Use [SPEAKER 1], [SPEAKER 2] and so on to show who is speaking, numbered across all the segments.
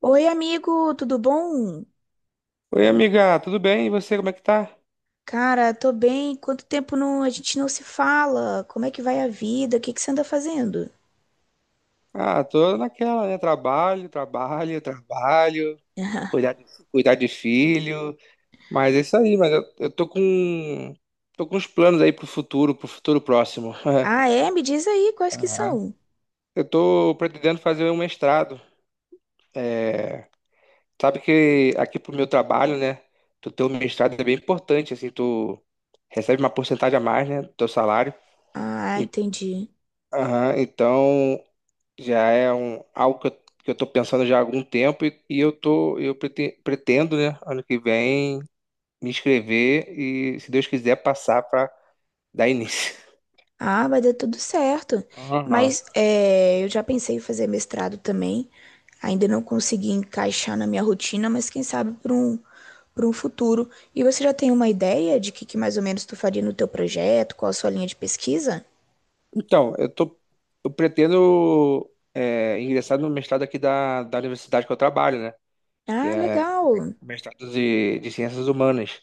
[SPEAKER 1] Oi, amigo, tudo bom?
[SPEAKER 2] Oi, amiga, tudo bem? E você, como é que tá?
[SPEAKER 1] Cara, tô bem. Quanto tempo a gente não se fala? Como é que vai a vida? O que que você anda fazendo?
[SPEAKER 2] Ah, tô naquela, né? Trabalho, trabalho, trabalho, cuidar de, cuidar de filho. Mas é isso aí, mas eu tô com uns planos aí pro futuro próximo.
[SPEAKER 1] Ah, é? Me diz aí quais que
[SPEAKER 2] Aham.
[SPEAKER 1] são.
[SPEAKER 2] Eu tô pretendendo fazer um mestrado. É, sabe que aqui pro meu trabalho, né? Tu ter um mestrado é bem importante, assim, tu recebe uma porcentagem a mais, né, do teu salário.
[SPEAKER 1] Ah,
[SPEAKER 2] E-
[SPEAKER 1] entendi.
[SPEAKER 2] aham, então, já é algo que eu tô pensando já há algum tempo e, eu pretendo, né, ano que vem me inscrever e, se Deus quiser, passar para dar início.
[SPEAKER 1] Ah, vai dar tudo certo.
[SPEAKER 2] Aham.
[SPEAKER 1] Mas é, eu já pensei em fazer mestrado também. Ainda não consegui encaixar na minha rotina, mas quem sabe para um futuro. E você já tem uma ideia de que mais ou menos tu faria no teu projeto? Qual a sua linha de pesquisa?
[SPEAKER 2] Então, eu pretendo é, ingressar no mestrado aqui da universidade que eu trabalho, né, que
[SPEAKER 1] Ah,
[SPEAKER 2] é
[SPEAKER 1] legal.
[SPEAKER 2] o mestrado de Ciências Humanas.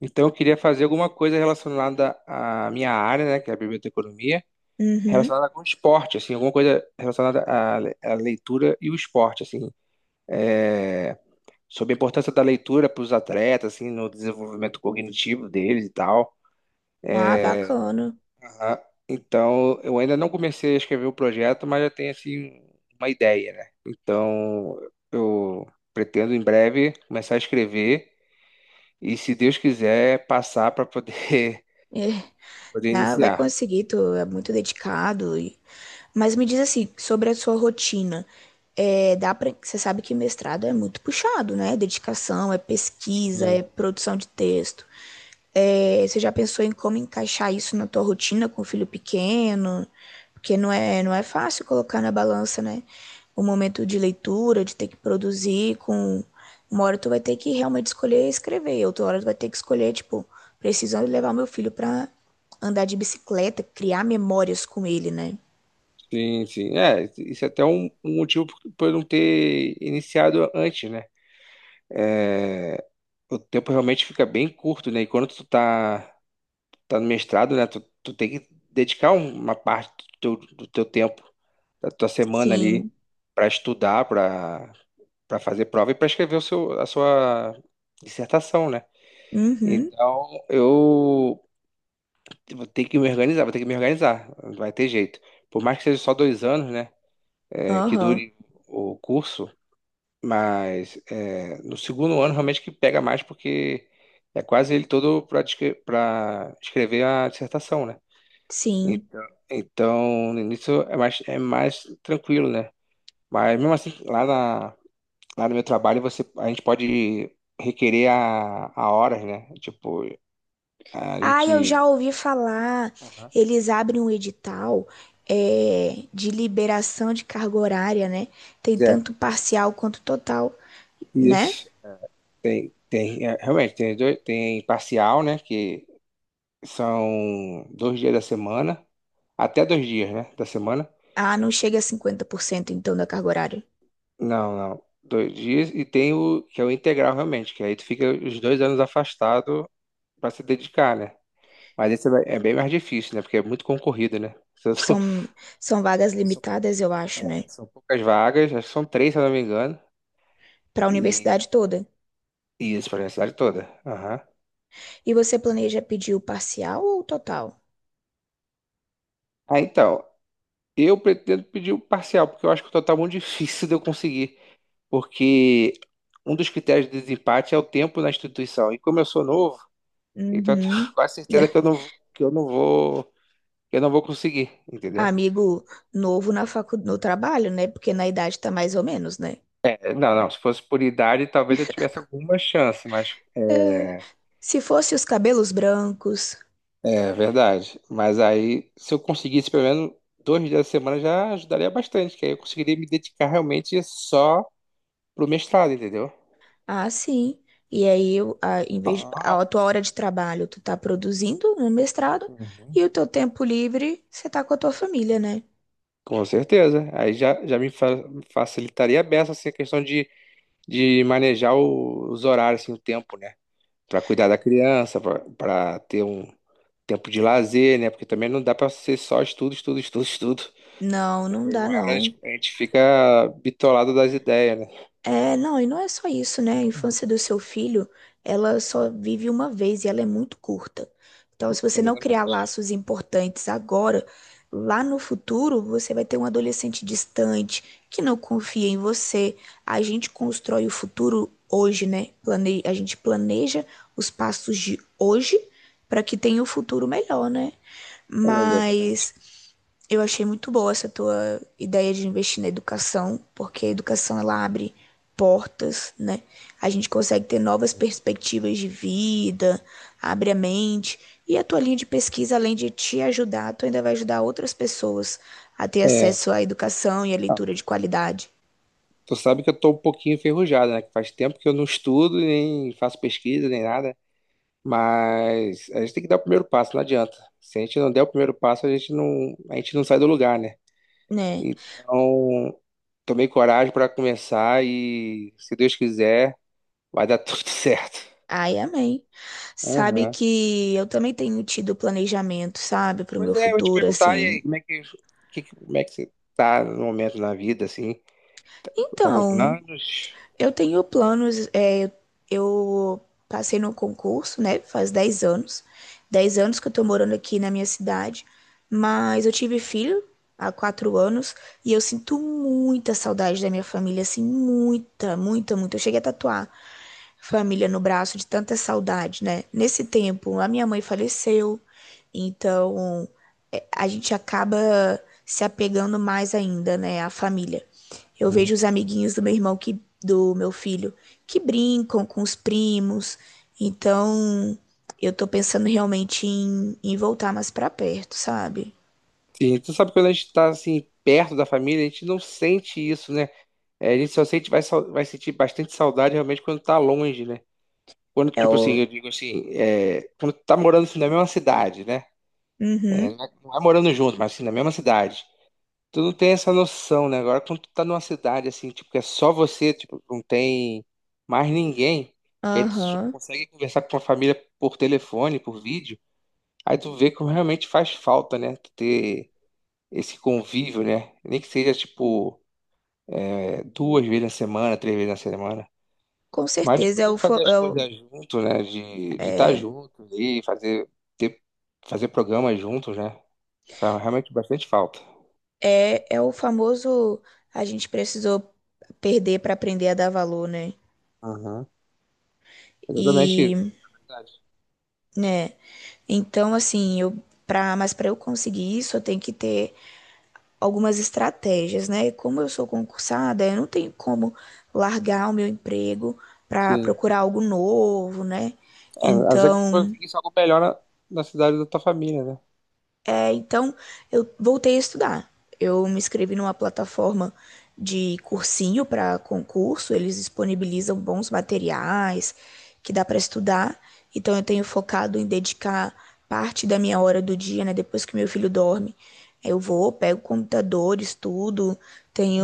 [SPEAKER 2] Então, eu queria fazer alguma coisa relacionada à minha área, né, que é a biblioteconomia.
[SPEAKER 1] Uhum.
[SPEAKER 2] Relacionada com esporte, assim, alguma coisa relacionada à leitura e o esporte, assim, é, sobre a importância da leitura para os atletas, assim, no desenvolvimento cognitivo deles e tal.
[SPEAKER 1] Ah, bacana.
[SPEAKER 2] Aham. Então, eu ainda não comecei a escrever o projeto, mas já tenho, assim, uma ideia, né? Então, eu pretendo em breve começar a escrever e, se Deus quiser, passar para poder,
[SPEAKER 1] É.
[SPEAKER 2] poder
[SPEAKER 1] Ah, vai
[SPEAKER 2] iniciar.
[SPEAKER 1] conseguir, tu é muito
[SPEAKER 2] Uhum.
[SPEAKER 1] dedicado. Mas me diz assim, sobre a sua rotina. É, dá pra... Você sabe que mestrado é muito puxado, né? Dedicação, é pesquisa, é
[SPEAKER 2] Sim.
[SPEAKER 1] produção de texto. É, você já pensou em como encaixar isso na tua rotina com o filho pequeno? Porque não é fácil colocar na balança, né? O momento de leitura, de ter que produzir com... Uma hora tu vai ter que realmente escolher escrever, outra hora tu vai ter que escolher, tipo, precisando levar meu filho pra andar de bicicleta, criar memórias com ele, né?
[SPEAKER 2] Sim, sim. É, isso é até um motivo por eu não ter iniciado antes, né? É, o tempo realmente fica bem curto, né? E tá no mestrado, né? Tu tem que dedicar uma parte do teu tempo, da tua semana ali,
[SPEAKER 1] Sim.
[SPEAKER 2] para estudar, para fazer prova e para escrever a sua dissertação, né?
[SPEAKER 1] Uhum.
[SPEAKER 2] Então, eu vou ter que me organizar, vou ter que me organizar, não vai ter jeito. Por mais que seja só dois anos, né? É, que
[SPEAKER 1] Aham.
[SPEAKER 2] dure o curso. Mas é, no segundo ano realmente que pega mais porque é quase ele todo para escrever a dissertação, né?
[SPEAKER 1] Sim.
[SPEAKER 2] então Então, no início é mais tranquilo, né? Mas mesmo assim, lá no meu trabalho, você, a gente pode requerer a horas, né? Tipo, a
[SPEAKER 1] Ah, eu já
[SPEAKER 2] gente.
[SPEAKER 1] ouvi falar.
[SPEAKER 2] Aham.
[SPEAKER 1] Eles abrem um edital é, de liberação de carga horária, né? Tem
[SPEAKER 2] É,
[SPEAKER 1] tanto parcial quanto total, né?
[SPEAKER 2] isso. Tem, tem, é, realmente, tem, dois, tem parcial, né? Que são dois dias da semana, até dois dias, né? Da semana.
[SPEAKER 1] Ah, não chega a 50%, então da carga horária.
[SPEAKER 2] Não, não. Dois dias e tem o que é o integral realmente, que aí tu fica os dois anos afastado pra se dedicar, né? Mas esse é bem mais difícil, né? Porque é muito concorrido, né? São, são-
[SPEAKER 1] São, são vagas
[SPEAKER 2] são-
[SPEAKER 1] limitadas, eu acho, né?
[SPEAKER 2] é, são poucas vagas, acho que são três, se eu não me engano.
[SPEAKER 1] Para a
[SPEAKER 2] E,
[SPEAKER 1] universidade toda.
[SPEAKER 2] e isso para a cidade toda. Aham.
[SPEAKER 1] E você planeja pedir o parcial ou o total?
[SPEAKER 2] Ah, então, eu pretendo pedir o parcial, porque eu acho que o total é muito difícil de eu conseguir. Porque um dos critérios de desempate é o tempo na instituição. E como eu sou novo, então eu tenho
[SPEAKER 1] Uhum.
[SPEAKER 2] quase certeza que eu não vou. Eu não vou conseguir, entendeu?
[SPEAKER 1] Amigo novo na facu... no trabalho, né? Porque na idade tá mais ou menos, né?
[SPEAKER 2] É, não, não. Se fosse por idade, talvez eu tivesse alguma chance, mas.
[SPEAKER 1] É. Se fosse os cabelos brancos,
[SPEAKER 2] É verdade. Mas aí, se eu conseguisse pelo menos dois dias da semana, já ajudaria bastante, que aí eu conseguiria me dedicar realmente só pro mestrado, entendeu?
[SPEAKER 1] ah, sim. E aí, eu, a, em vez,
[SPEAKER 2] Ah,
[SPEAKER 1] a tua hora de trabalho, tu tá produzindo no mestrado
[SPEAKER 2] uhum.
[SPEAKER 1] e o teu tempo livre, você tá com a tua família, né?
[SPEAKER 2] Com certeza. Aí já, já me fa- facilitaria a beça assim, a questão de manejar os horários, assim, o tempo, né? Para cuidar da criança, para ter um tempo de lazer, né? Porque também não dá para ser só estudo, estudo, estudo, estudo.
[SPEAKER 1] Não, não
[SPEAKER 2] Tem
[SPEAKER 1] dá,
[SPEAKER 2] uma hora a gente,
[SPEAKER 1] não.
[SPEAKER 2] a gente fica bitolado das ideias, né?
[SPEAKER 1] É, não, e não é só isso, né? A
[SPEAKER 2] Uhum.
[SPEAKER 1] infância do seu filho, ela só vive uma vez e ela é muito curta. Então, se você não criar
[SPEAKER 2] Exatamente.
[SPEAKER 1] laços importantes agora, lá no futuro, você vai ter um adolescente distante, que não confia em você. A gente constrói o futuro hoje, né? Plane... A gente planeja os passos de hoje para que tenha um futuro melhor, né?
[SPEAKER 2] É, exatamente.
[SPEAKER 1] Mas eu achei muito boa essa tua ideia de investir na educação, porque a educação ela abre portas, né? A gente consegue ter novas
[SPEAKER 2] Uhum.
[SPEAKER 1] perspectivas de vida, abre a mente. E a tua linha de pesquisa, além de te ajudar, tu ainda vai ajudar outras pessoas a ter
[SPEAKER 2] É.
[SPEAKER 1] acesso à educação e à
[SPEAKER 2] Ah,
[SPEAKER 1] leitura de qualidade,
[SPEAKER 2] tu sabe que eu tô um pouquinho enferrujado, né? Que faz tempo que eu não estudo, nem faço pesquisa, nem nada. Mas a gente tem que dar o primeiro passo, não adianta. Se a gente não der o primeiro passo, a gente não sai do lugar, né?
[SPEAKER 1] né?
[SPEAKER 2] Então, tomei coragem para começar e, se Deus quiser, vai dar tudo certo.
[SPEAKER 1] Ai, amém. Sabe
[SPEAKER 2] Aham.
[SPEAKER 1] que eu também tenho tido planejamento, sabe, para o
[SPEAKER 2] Pois
[SPEAKER 1] meu
[SPEAKER 2] é, eu ia te
[SPEAKER 1] futuro,
[SPEAKER 2] perguntar, e aí,
[SPEAKER 1] assim.
[SPEAKER 2] como é que você tá no momento na vida, assim? Tá com
[SPEAKER 1] Então,
[SPEAKER 2] planos?
[SPEAKER 1] eu tenho planos, é, eu passei no concurso, né? Faz 10 anos. 10 anos que eu tô morando aqui na minha cidade, mas eu tive filho há 4 anos e eu sinto muita saudade da minha família, assim, muita, muita, muita. Eu cheguei a tatuar família no braço de tanta saudade, né? Nesse tempo, a minha mãe faleceu, então é, a gente acaba se apegando mais ainda, né, à família. Eu
[SPEAKER 2] Hum.
[SPEAKER 1] vejo os amiguinhos do meu filho que brincam com os primos. Então, eu tô pensando realmente em, em voltar mais pra perto, sabe?
[SPEAKER 2] Sim, tu sabe que quando a gente tá, assim, perto da família, a gente não sente isso, né? É, a gente só sente, vai sentir bastante saudade realmente quando tá longe, né? Quando,
[SPEAKER 1] É
[SPEAKER 2] tipo assim,
[SPEAKER 1] o
[SPEAKER 2] eu digo assim, é, quando tu tá morando assim, na mesma cidade, né? É,
[SPEAKER 1] uhum,
[SPEAKER 2] não é morando junto, mas assim, na mesma cidade. Tu não tem essa noção, né? Agora, quando tu tá numa cidade assim, tipo, que é só você, tipo, não tem mais ninguém, que aí tu só
[SPEAKER 1] aham.
[SPEAKER 2] consegue conversar com a família por telefone, por vídeo, aí tu vê como realmente faz falta, né? Tu ter esse convívio, né? Nem que seja, tipo, é, duas vezes na semana, três vezes na semana.
[SPEAKER 1] Com
[SPEAKER 2] Mas de
[SPEAKER 1] certeza é
[SPEAKER 2] poder
[SPEAKER 1] o, fa-
[SPEAKER 2] fazer as
[SPEAKER 1] é o
[SPEAKER 2] coisas junto, né? De estar
[SPEAKER 1] é,
[SPEAKER 2] junto ali, fazer, ter, fazer programas juntos, né? Faz realmente bastante falta.
[SPEAKER 1] é, é o famoso a gente precisou perder pra aprender a dar valor, né?
[SPEAKER 2] Aham. Exatamente isso,
[SPEAKER 1] E,
[SPEAKER 2] verdade.
[SPEAKER 1] né? Então, assim, eu para mas para eu conseguir isso, eu tenho que ter algumas estratégias, né? E como eu sou concursada, eu não tenho como largar o meu emprego para
[SPEAKER 2] Sim.
[SPEAKER 1] procurar algo novo, né?
[SPEAKER 2] É, a não ser que tu
[SPEAKER 1] Então,
[SPEAKER 2] conseguisse algo melhor na cidade da tua família, né?
[SPEAKER 1] então, eu voltei a estudar. Eu me inscrevi numa plataforma de cursinho para concurso, eles disponibilizam bons materiais que dá para estudar. Então eu tenho focado em dedicar parte da minha hora do dia, né, depois que meu filho dorme. Eu vou, pego o computador, estudo,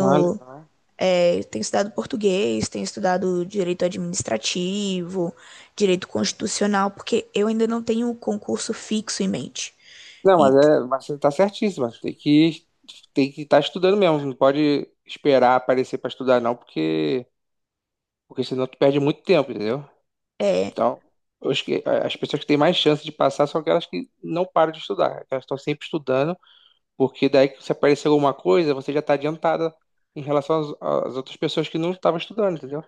[SPEAKER 2] Ah, legal.
[SPEAKER 1] Tenho estudado português, tenho estudado direito administrativo, direito constitucional, porque eu ainda não tenho um concurso fixo em mente.
[SPEAKER 2] Não, mas,
[SPEAKER 1] E,
[SPEAKER 2] é, mas você tá certíssimo. Tem que estar estudando mesmo. Não pode esperar aparecer para estudar, não, porque senão tu perde muito tempo, entendeu?
[SPEAKER 1] é,
[SPEAKER 2] Então, eu acho que as pessoas que têm mais chance de passar são aquelas que não param de estudar. Elas estão sempre estudando, porque daí que se aparecer alguma coisa, você já tá adiantada em relação às outras pessoas que não estavam estudando, entendeu?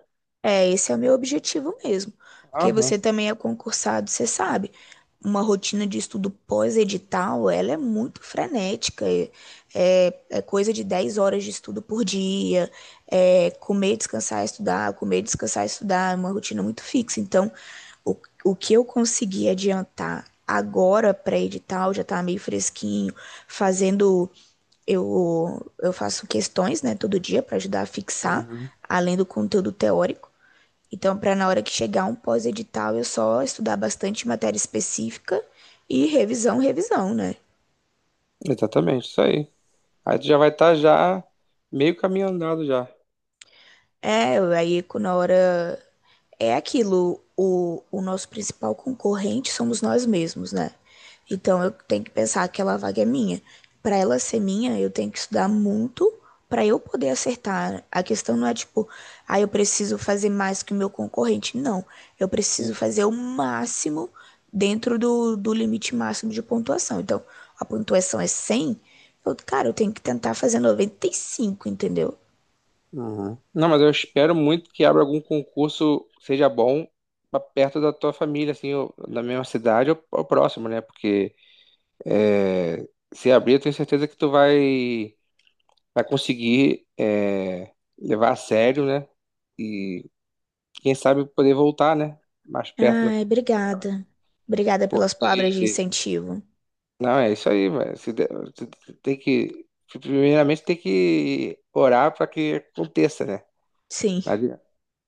[SPEAKER 1] Esse é o meu objetivo mesmo. Porque
[SPEAKER 2] Aham.
[SPEAKER 1] você também é concursado, você sabe. Uma rotina de estudo pós-edital, ela é muito frenética. É, é coisa de 10 horas de estudo por dia. É comer, descansar, estudar, comer, descansar, estudar. É uma rotina muito fixa. Então, o, o que eu consegui adiantar agora pré-edital já está meio fresquinho, fazendo. Eu faço questões, né, todo dia para ajudar a fixar,
[SPEAKER 2] Uhum.
[SPEAKER 1] além do conteúdo teórico. Então, para na hora que chegar um pós-edital, eu só estudar bastante matéria específica e revisão, revisão, né?
[SPEAKER 2] Exatamente, isso aí. Aí tu já vai estar já meio caminho andado já.
[SPEAKER 1] É, aí co- na hora é aquilo, o nosso principal concorrente somos nós mesmos, né? Então eu tenho que pensar que aquela vaga é minha. Para ela ser minha, eu tenho que estudar muito para eu poder acertar. A questão não é tipo, ah, eu preciso fazer mais que o meu concorrente. Não, eu preciso
[SPEAKER 2] Sim.
[SPEAKER 1] fazer o máximo dentro do limite máximo de pontuação. Então, a pontuação é 100, cara, eu tenho que tentar fazer 95, entendeu?
[SPEAKER 2] Uhum. Não, mas eu espero muito que abra algum concurso que seja bom pra perto da tua família, assim, ou na mesma cidade ou próximo, né? Porque é, se abrir, eu tenho certeza que vai conseguir é, levar a sério, né? E quem sabe poder voltar, né? Mais perto da...
[SPEAKER 1] Ai, obrigada. Obrigada pelas palavras de
[SPEAKER 2] Porque
[SPEAKER 1] incentivo.
[SPEAKER 2] não, é isso aí, velho. Você tem que, primeiramente, tem que orar para que aconteça, né?
[SPEAKER 1] Sim,
[SPEAKER 2] Não.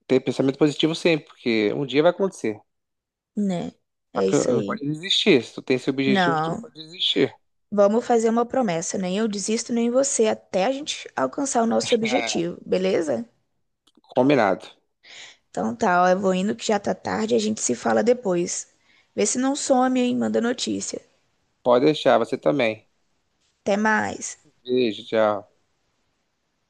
[SPEAKER 2] Ter pensamento positivo sempre, porque um dia vai acontecer.
[SPEAKER 1] né?
[SPEAKER 2] Só
[SPEAKER 1] É
[SPEAKER 2] que
[SPEAKER 1] isso
[SPEAKER 2] não pode
[SPEAKER 1] aí.
[SPEAKER 2] desistir. Se tu tem esse objetivo, tu não
[SPEAKER 1] Não,
[SPEAKER 2] pode desistir.
[SPEAKER 1] vamos fazer uma promessa. Nem eu desisto, nem você, até a gente alcançar o nosso
[SPEAKER 2] É,
[SPEAKER 1] objetivo, beleza?
[SPEAKER 2] combinado.
[SPEAKER 1] Então tá, ó, eu vou indo que já tá tarde, a gente se fala depois. Vê se não some, hein? Manda notícia.
[SPEAKER 2] Pode deixar, você também.
[SPEAKER 1] Até mais.
[SPEAKER 2] Beijo, tchau.